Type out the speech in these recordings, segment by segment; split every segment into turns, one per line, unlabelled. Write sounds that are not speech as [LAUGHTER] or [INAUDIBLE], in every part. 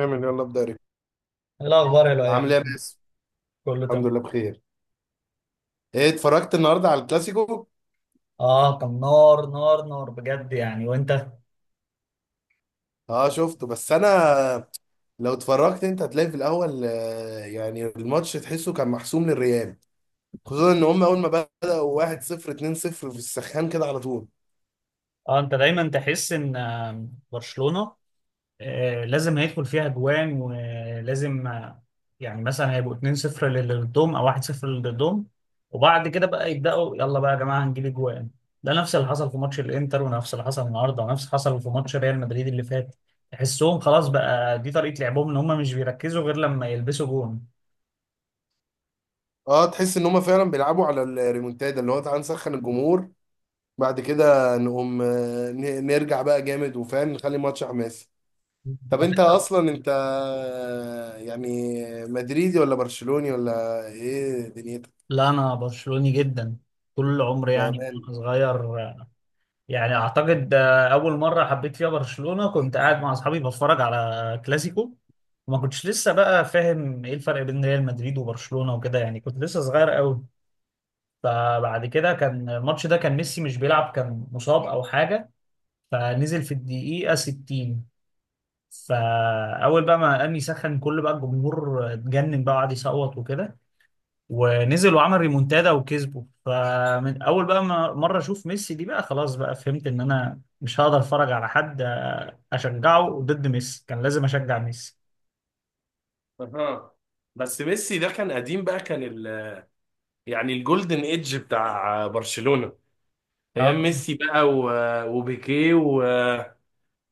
اعمل يلا ابدا ريكو.
إيه الاخبار يا لؤي
عامل
يعني؟
ايه يا باسم؟
كله تمام.
الحمد لله بخير. ايه، اتفرجت النهارده على الكلاسيكو؟
اه، كان نار نار نار بجد يعني، وانت؟
اه شفته، بس انا لو اتفرجت انت هتلاقي في الاول يعني الماتش تحسه كان محسوم للريال. خصوصا ان هم اول ما بدأوا 1-0، 2-0 في السخان كده على طول.
اه، انت دايما تحس ان برشلونة لازم هيدخل فيها جوان، ولازم يعني مثلا هيبقوا 2-0 للي ضدهم او 1-0 للي ضدهم، وبعد كده بقى يبداوا، يلا بقى يا جماعه هنجيب جوان. ده نفس اللي حصل في ماتش الانتر، ونفس اللي حصل النهارده، ونفس اللي حصل في ماتش ريال مدريد اللي فات. تحسهم خلاص بقى دي طريقه لعبهم، ان هم مش بيركزوا غير لما يلبسوا جون.
اه تحس ان هم فعلا بيلعبوا على الريمونتادا، اللي هو تعالى نسخن الجمهور، بعد كده نقوم نرجع بقى جامد وفاهم نخلي الماتش حماسي. طب انت
طب،
اصلا انت يعني مدريدي ولا برشلوني ولا ايه دنيتك؟
لا انا برشلوني جدا، طول عمري يعني من
بامان.
وانا صغير. يعني اعتقد اول مره حبيت فيها برشلونه كنت قاعد مع اصحابي بتفرج على كلاسيكو، وما كنتش لسه بقى فاهم ايه الفرق بين ريال مدريد وبرشلونه وكده، يعني كنت لسه صغير قوي. فبعد كده كان الماتش ده كان ميسي مش بيلعب، كان مصاب او حاجه، فنزل في الدقيقه 60. فاول بقى ما قام يسخن، كل بقى الجمهور اتجنن بقى وقعد يصوت وكده، ونزل وعمل ريمونتادا وكسبه. فمن اول بقى ما مره اشوف ميسي دي، بقى خلاص بقى فهمت ان انا مش هقدر اتفرج على حد اشجعه ضد ميسي، كان لازم اشجع ميسي.
اها. بس ميسي ده كان قديم بقى، كان يعني الجولدن ايدج بتاع برشلونة، ايام
اه.
ميسي بقى، وبيكيه،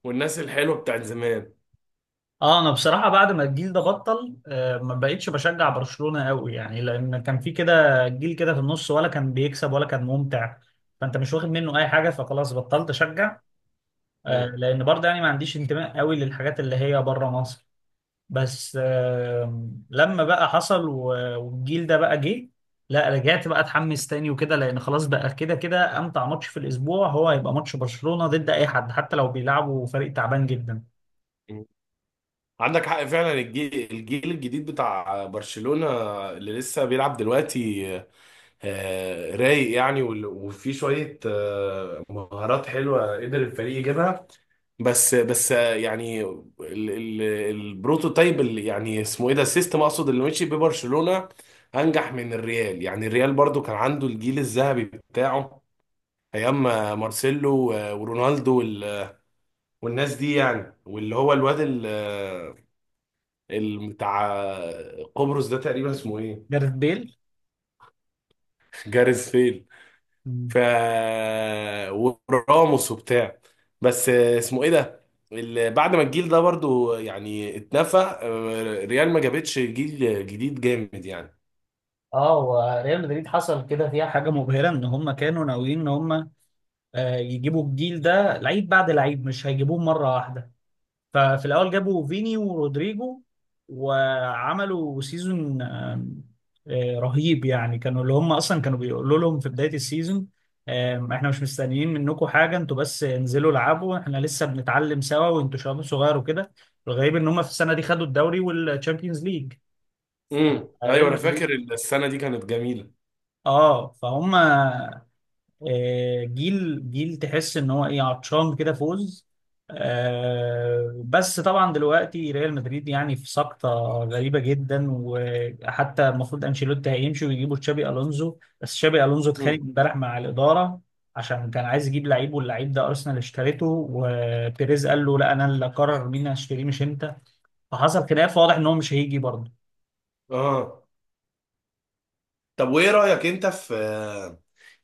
والناس الحلوة بتاعت زمان.
اه، انا بصراحه بعد ما الجيل ده بطل، ما بقتش بشجع برشلونه قوي يعني، لان كان في كده جيل كده في النص، ولا كان بيكسب ولا كان ممتع، فانت مش واخد منه اي حاجه، فخلاص بطلت اشجع.
مم.
لان برضه يعني ما عنديش انتماء قوي للحاجات اللي هي بره مصر. بس لما بقى حصل والجيل ده بقى جه، لا رجعت بقى اتحمس تاني وكده، لان خلاص بقى كده كده امتع ماتش في الاسبوع هو هيبقى ماتش برشلونة ضد اي حد، حتى لو بيلعبوا فريق تعبان جدا.
مم. عندك حق فعلا. الجيل الجديد بتاع برشلونة اللي لسه بيلعب دلوقتي رايق يعني، وفي شوية مهارات حلوة قدر الفريق يجيبها. بس يعني البروتوتايب اللي يعني اسمه ايه ده، السيستم اقصد، اللي مشي ببرشلونة انجح من الريال. يعني الريال برضو كان عنده الجيل الذهبي بتاعه، ايام مارسيلو ورونالدو، والناس دي، يعني واللي هو الواد بتاع قبرص ده، تقريبا اسمه ايه؟
جاريث بيل.
[LAUGHS] جاريث.
مم.
ف وراموس وبتاع، بس اسمه ايه ده؟ بعد ما الجيل ده برضو يعني اتنفى، ريال ما جابتش جيل جديد جامد يعني.
اه، وريال مدريد حصل كده فيها حاجه مبهره، ان هم كانوا ناويين ان هم يجيبوا الجيل ده لعيب بعد لعيب، مش هيجيبوه مره واحده. ففي الاول جابوا فيني ورودريجو، وعملوا سيزون رهيب يعني. كانوا اللي هم اصلا كانوا بيقولوا لهم في بدايه السيزون احنا مش مستنيين منكم حاجه، انتوا بس انزلوا العبوا، احنا لسه بنتعلم سوا وانتوا شباب صغير وكده. الغريب ان هم في السنه دي خدوا الدوري والتشامبيونز ليج.
ايوه
ريال
انا
مدريد.
فاكر السنه دي كانت جميله.
اه، فهم جيل جيل تحس ان هو ايه عطشان كده فوز. بس طبعا دلوقتي ريال مدريد يعني في سقطة غريبة جدا، وحتى المفروض انشيلوتي هيمشي ويجيبوا تشابي الونزو، بس تشابي الونزو اتخانق
امم
امبارح مع الإدارة، عشان كان عايز يجيب لعيب، واللعيب ده ارسنال اشتريته، وبيريز قال له لا انا اللي اقرر مين هشتريه مش انت. فحصل خلاف واضح ان هو مش هيجي برضه.
اه. طب وايه رأيك انت في،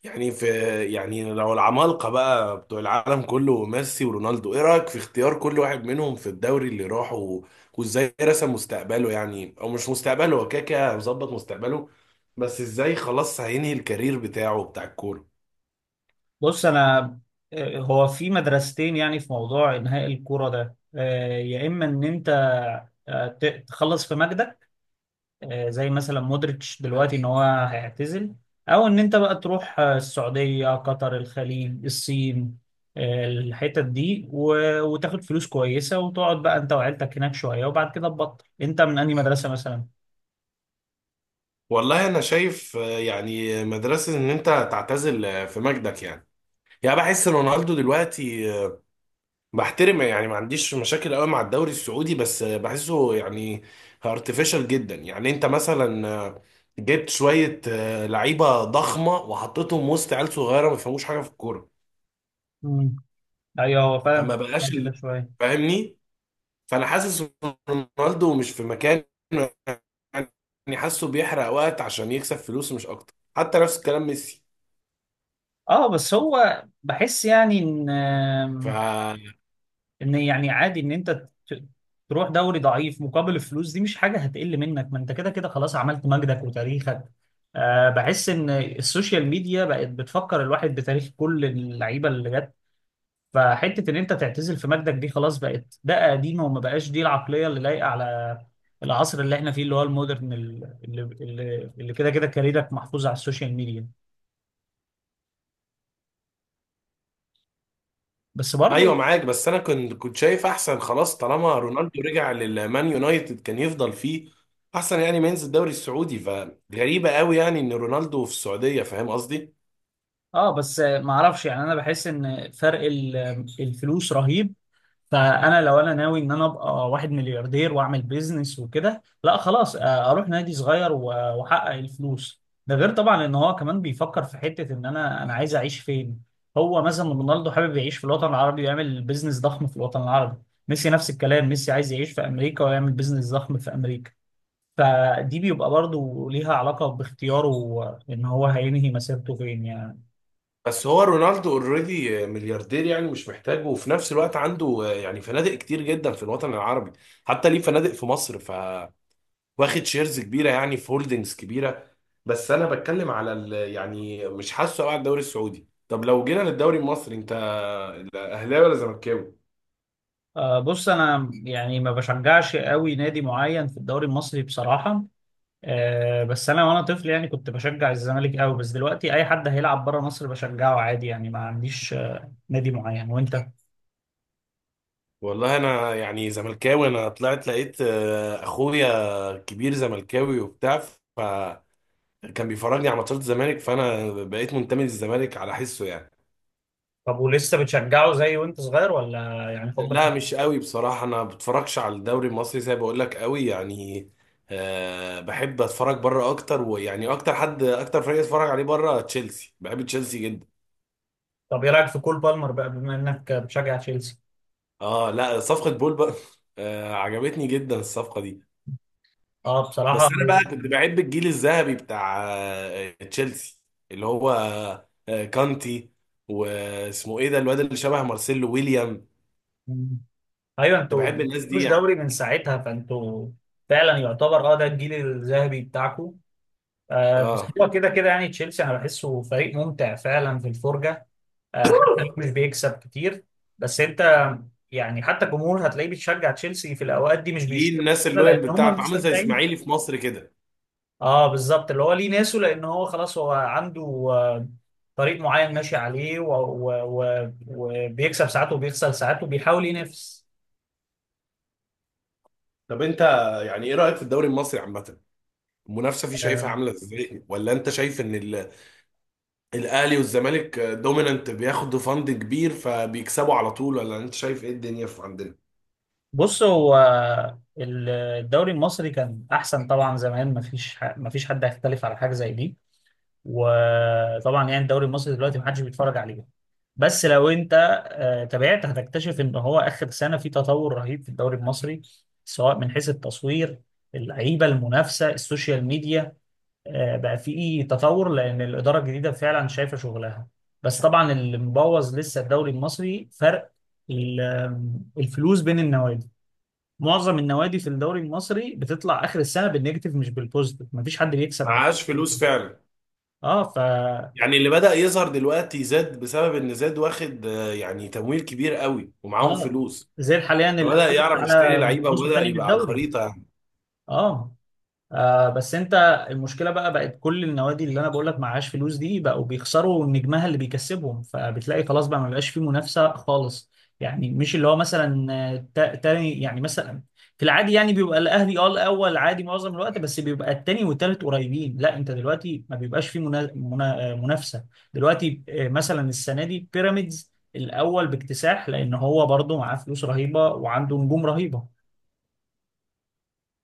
يعني في، يعني لو العمالقة بقى بتوع العالم كله ميسي ورونالدو، ايه رأيك في اختيار كل واحد منهم في الدوري اللي راحه، وازاي رسم مستقبله، يعني او مش مستقبله، هو كده كده مظبط مستقبله، بس ازاي خلاص هينهي الكارير بتاعه بتاع الكورة؟
بص انا هو في مدرستين يعني في موضوع انهاء الكوره ده. يا اما ان انت تخلص في مجدك، زي مثلا مودريتش دلوقتي ان هو هيعتزل. او ان انت بقى تروح السعوديه، قطر، الخليج، الصين، الحتت دي، وتاخد فلوس كويسه، وتقعد بقى انت وعيلتك هناك شويه، وبعد كده تبطل انت من انهي مدرسه مثلا.
والله انا شايف يعني مدرسة ان انت تعتزل في مجدك يعني. يعني بحس رونالدو دلوقتي بحترم، يعني ما عنديش مشاكل قوي مع الدوري السعودي، بس بحسه يعني ارتفيشال جدا. يعني انت مثلا جبت شوية لعيبة ضخمة وحطيتهم وسط عيال صغيرة ما بيفهموش حاجة في الكورة.
مم. ايوه، هو فعلا
فما بقاش
كده شويه.
فاهمني. فانا حاسس رونالدو مش في مكان، يعني حاسه بيحرق وقت عشان يكسب فلوس مش اكتر، حتى نفس الكلام ميسي.
اه، بس هو بحس يعني ان
ف
يعني عادي ان انت تروح دوري ضعيف مقابل الفلوس دي، مش حاجه هتقل منك، ما انت كده كده خلاص عملت مجدك وتاريخك. أه، بحس ان السوشيال ميديا بقت بتفكر الواحد بتاريخ كل اللعيبه اللي جت، فحته ان انت تعتزل في مجدك دي خلاص بقت ده قديمه، وما بقاش دي العقليه اللي لايقه على العصر اللي احنا فيه، اللي هو المودرن اللي كده كده كاريرك محفوظ على السوشيال ميديا. بس
ايوه
برضو.
معاك. بس انا كنت شايف احسن، خلاص طالما رونالدو رجع للمان يونايتد كان يفضل فيه احسن، يعني ما ينزل الدوري السعودي. فغريبه قوي يعني ان رونالدو في السعوديه، فاهم قصدي؟
اه، بس ما اعرفش يعني، انا بحس ان فرق الفلوس رهيب. فانا لو انا ناوي ان انا ابقى واحد ملياردير واعمل بيزنس وكده، لا خلاص، اروح نادي صغير واحقق الفلوس ده، غير طبعا ان هو كمان بيفكر في حتة ان انا عايز اعيش فين. هو مثلا رونالدو حابب يعيش في الوطن العربي ويعمل بيزنس ضخم في الوطن العربي. ميسي نفس الكلام، ميسي عايز يعيش في امريكا ويعمل بيزنس ضخم في امريكا. فدي بيبقى برضو ليها علاقة باختياره ان هو هينهي مسيرته فين يعني.
بس هو رونالدو اوريدي ملياردير، يعني مش محتاجه، وفي نفس الوقت عنده يعني فنادق كتير جدا في الوطن العربي، حتى ليه فنادق في مصر. واخد شيرز كبيره يعني، في هولدنجز كبيره. بس انا بتكلم على يعني مش حاسه قوي على الدوري السعودي. طب لو جينا للدوري المصري، انت اهلاوي ولا زملكاوي؟
بص انا يعني ما بشجعش قوي نادي معين في الدوري المصري بصراحة. بس انا وانا طفل يعني كنت بشجع الزمالك قوي، بس دلوقتي اي حد هيلعب بره مصر بشجعه عادي يعني، ما عنديش نادي معين. وانت؟
والله انا يعني زملكاوي، انا طلعت لقيت اخويا كبير زملكاوي وبتاع، فكان بيفرجني على ماتشات الزمالك، فانا بقيت منتمي للزمالك على حسه يعني.
طب، ولسه بتشجعه زي وانت صغير، ولا يعني حبك؟
لا مش قوي بصراحة، انا ما بتفرجش على الدوري المصري زي ما بقول لك قوي يعني. بحب اتفرج بره اكتر، ويعني اكتر حد اكتر فريق اتفرج عليه بره تشيلسي، بحب تشيلسي جدا.
طب، ايه رايك في كول بالمر بقى، بما انك بتشجع تشيلسي؟
اه لا، صفقة بول بقى [LAUGHS] عجبتني جدا الصفقة دي.
اه، بصراحه
بس انا بقى كنت بحب الجيل الذهبي بتاع تشيلسي، اللي هو كانتي، واسمه ايه ده الواد اللي شبه مارسيلو، ويليام.
ايوه،
كنت
انتوا
بحب
ما
الناس دي
خدتوش
يعني.
دوري من ساعتها، فانتوا فعلا يعتبر، اه ده الجيل الذهبي بتاعكم. آه، بس
اه،
هو كده كده يعني تشيلسي انا بحسه فريق ممتع فعلا في الفرجه، حتى لو مش بيكسب كتير. بس انت يعني حتى الجمهور هتلاقيه بيشجع تشيلسي في الاوقات دي، مش
ليه؟
بيشتغل
الناس
كده، لان
اللويال
هم
بتاعته، عامل زي
مستمتعين.
اسماعيلي في مصر كده.
اه، بالظبط، اللي هو ليه ناسه، لان هو خلاص هو عنده آه، طريق معين ماشي عليه وبيكسب ساعات وبيخسر ساعات وبيحاول ينافس.
طب انت، يعني ايه رايك في الدوري المصري عامه؟ المنافسه فيه شايفها
آه،
عامله ازاي؟ ولا انت شايف ان الاهلي والزمالك دومينانت، بياخدوا فند كبير فبيكسبوا على طول؟ ولا انت شايف ايه الدنيا في عندنا؟
بص، هو الدوري المصري كان احسن طبعا زمان، مفيش حد هيختلف على حاجه زي دي. وطبعا يعني الدوري المصري دلوقتي محدش بيتفرج عليه. بس لو انت تابعت هتكتشف ان هو اخر سنه في تطور رهيب في الدوري المصري، سواء من حيث التصوير، اللعيبه، المنافسه، السوشيال ميديا، بقى في تطور، لان الاداره الجديده فعلا شايفه شغلها. بس طبعا اللي مبوظ لسه الدوري المصري فرق ال- الفلوس بين النوادي. معظم النوادي في الدوري المصري بتطلع اخر السنه بالنيجاتيف مش بالبوزيتيف، مفيش حد بيكسب.
معهاش فلوس فعلا.
اه،
يعني اللي بدأ يظهر دلوقتي زاد، بسبب ان زاد واخد يعني تمويل كبير قوي ومعاهم
اه،
فلوس،
زي حاليا
فبدأ
الاول
يعرف يشتري
على
لعيبة
النص
وبدأ
الثاني من
يبقى على
الدوري.
الخريطة.
اه. آه، بس انت، المشكله بقى بقت كل النوادي اللي انا بقول لك معهاش فلوس دي بقوا بيخسروا نجمها اللي بيكسبهم، فبتلاقي خلاص بقى ما بقاش فيه منافسه خالص. يعني مش اللي هو مثلا تاني يعني مثلا، في العادي يعني بيبقى الاهلي اه الاول عادي معظم الوقت، بس بيبقى التاني والتالت قريبين، لا انت دلوقتي ما بيبقاش فيه منافسه. دلوقتي مثلا السنه دي بيراميدز الاول باكتساح، لان هو برضه معاه فلوس رهيبه وعنده نجوم رهيبه.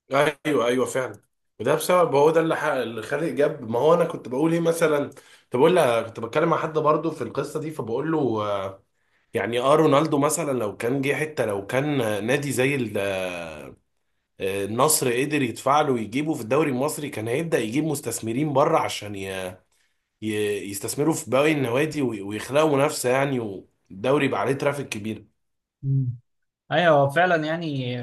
يعني ايوه ايوه فعلا. وده بسبب، هو ده اللي اللي خالق جاب. ما هو انا كنت بقول ايه مثلا، كنت بقول كنت بتكلم مع حد برضه في القصة دي، فبقول له آه، يعني، اه رونالدو مثلا لو كان جه حتة، لو كان نادي زي النصر، قدر يدفع له ويجيبه في الدوري المصري، كان هيبدأ يجيب مستثمرين بره عشان يستثمروا في باقي النوادي، ويخلقوا منافسة يعني، والدوري يبقى عليه ترافيك كبير.
ايوه، هو فعلا يعني.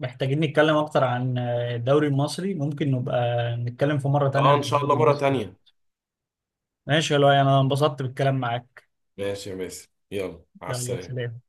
محتاجين نتكلم اكتر عن الدوري المصري، ممكن نبقى نتكلم في مرة تانية
اه
عن
ان شاء
الدوري
الله مرة
المصري.
تانية.
ماشي يا لؤي، انا انبسطت بالكلام معاك.
ماشي يا باسم، يلا مع
يلا،
السلامة.
سلام.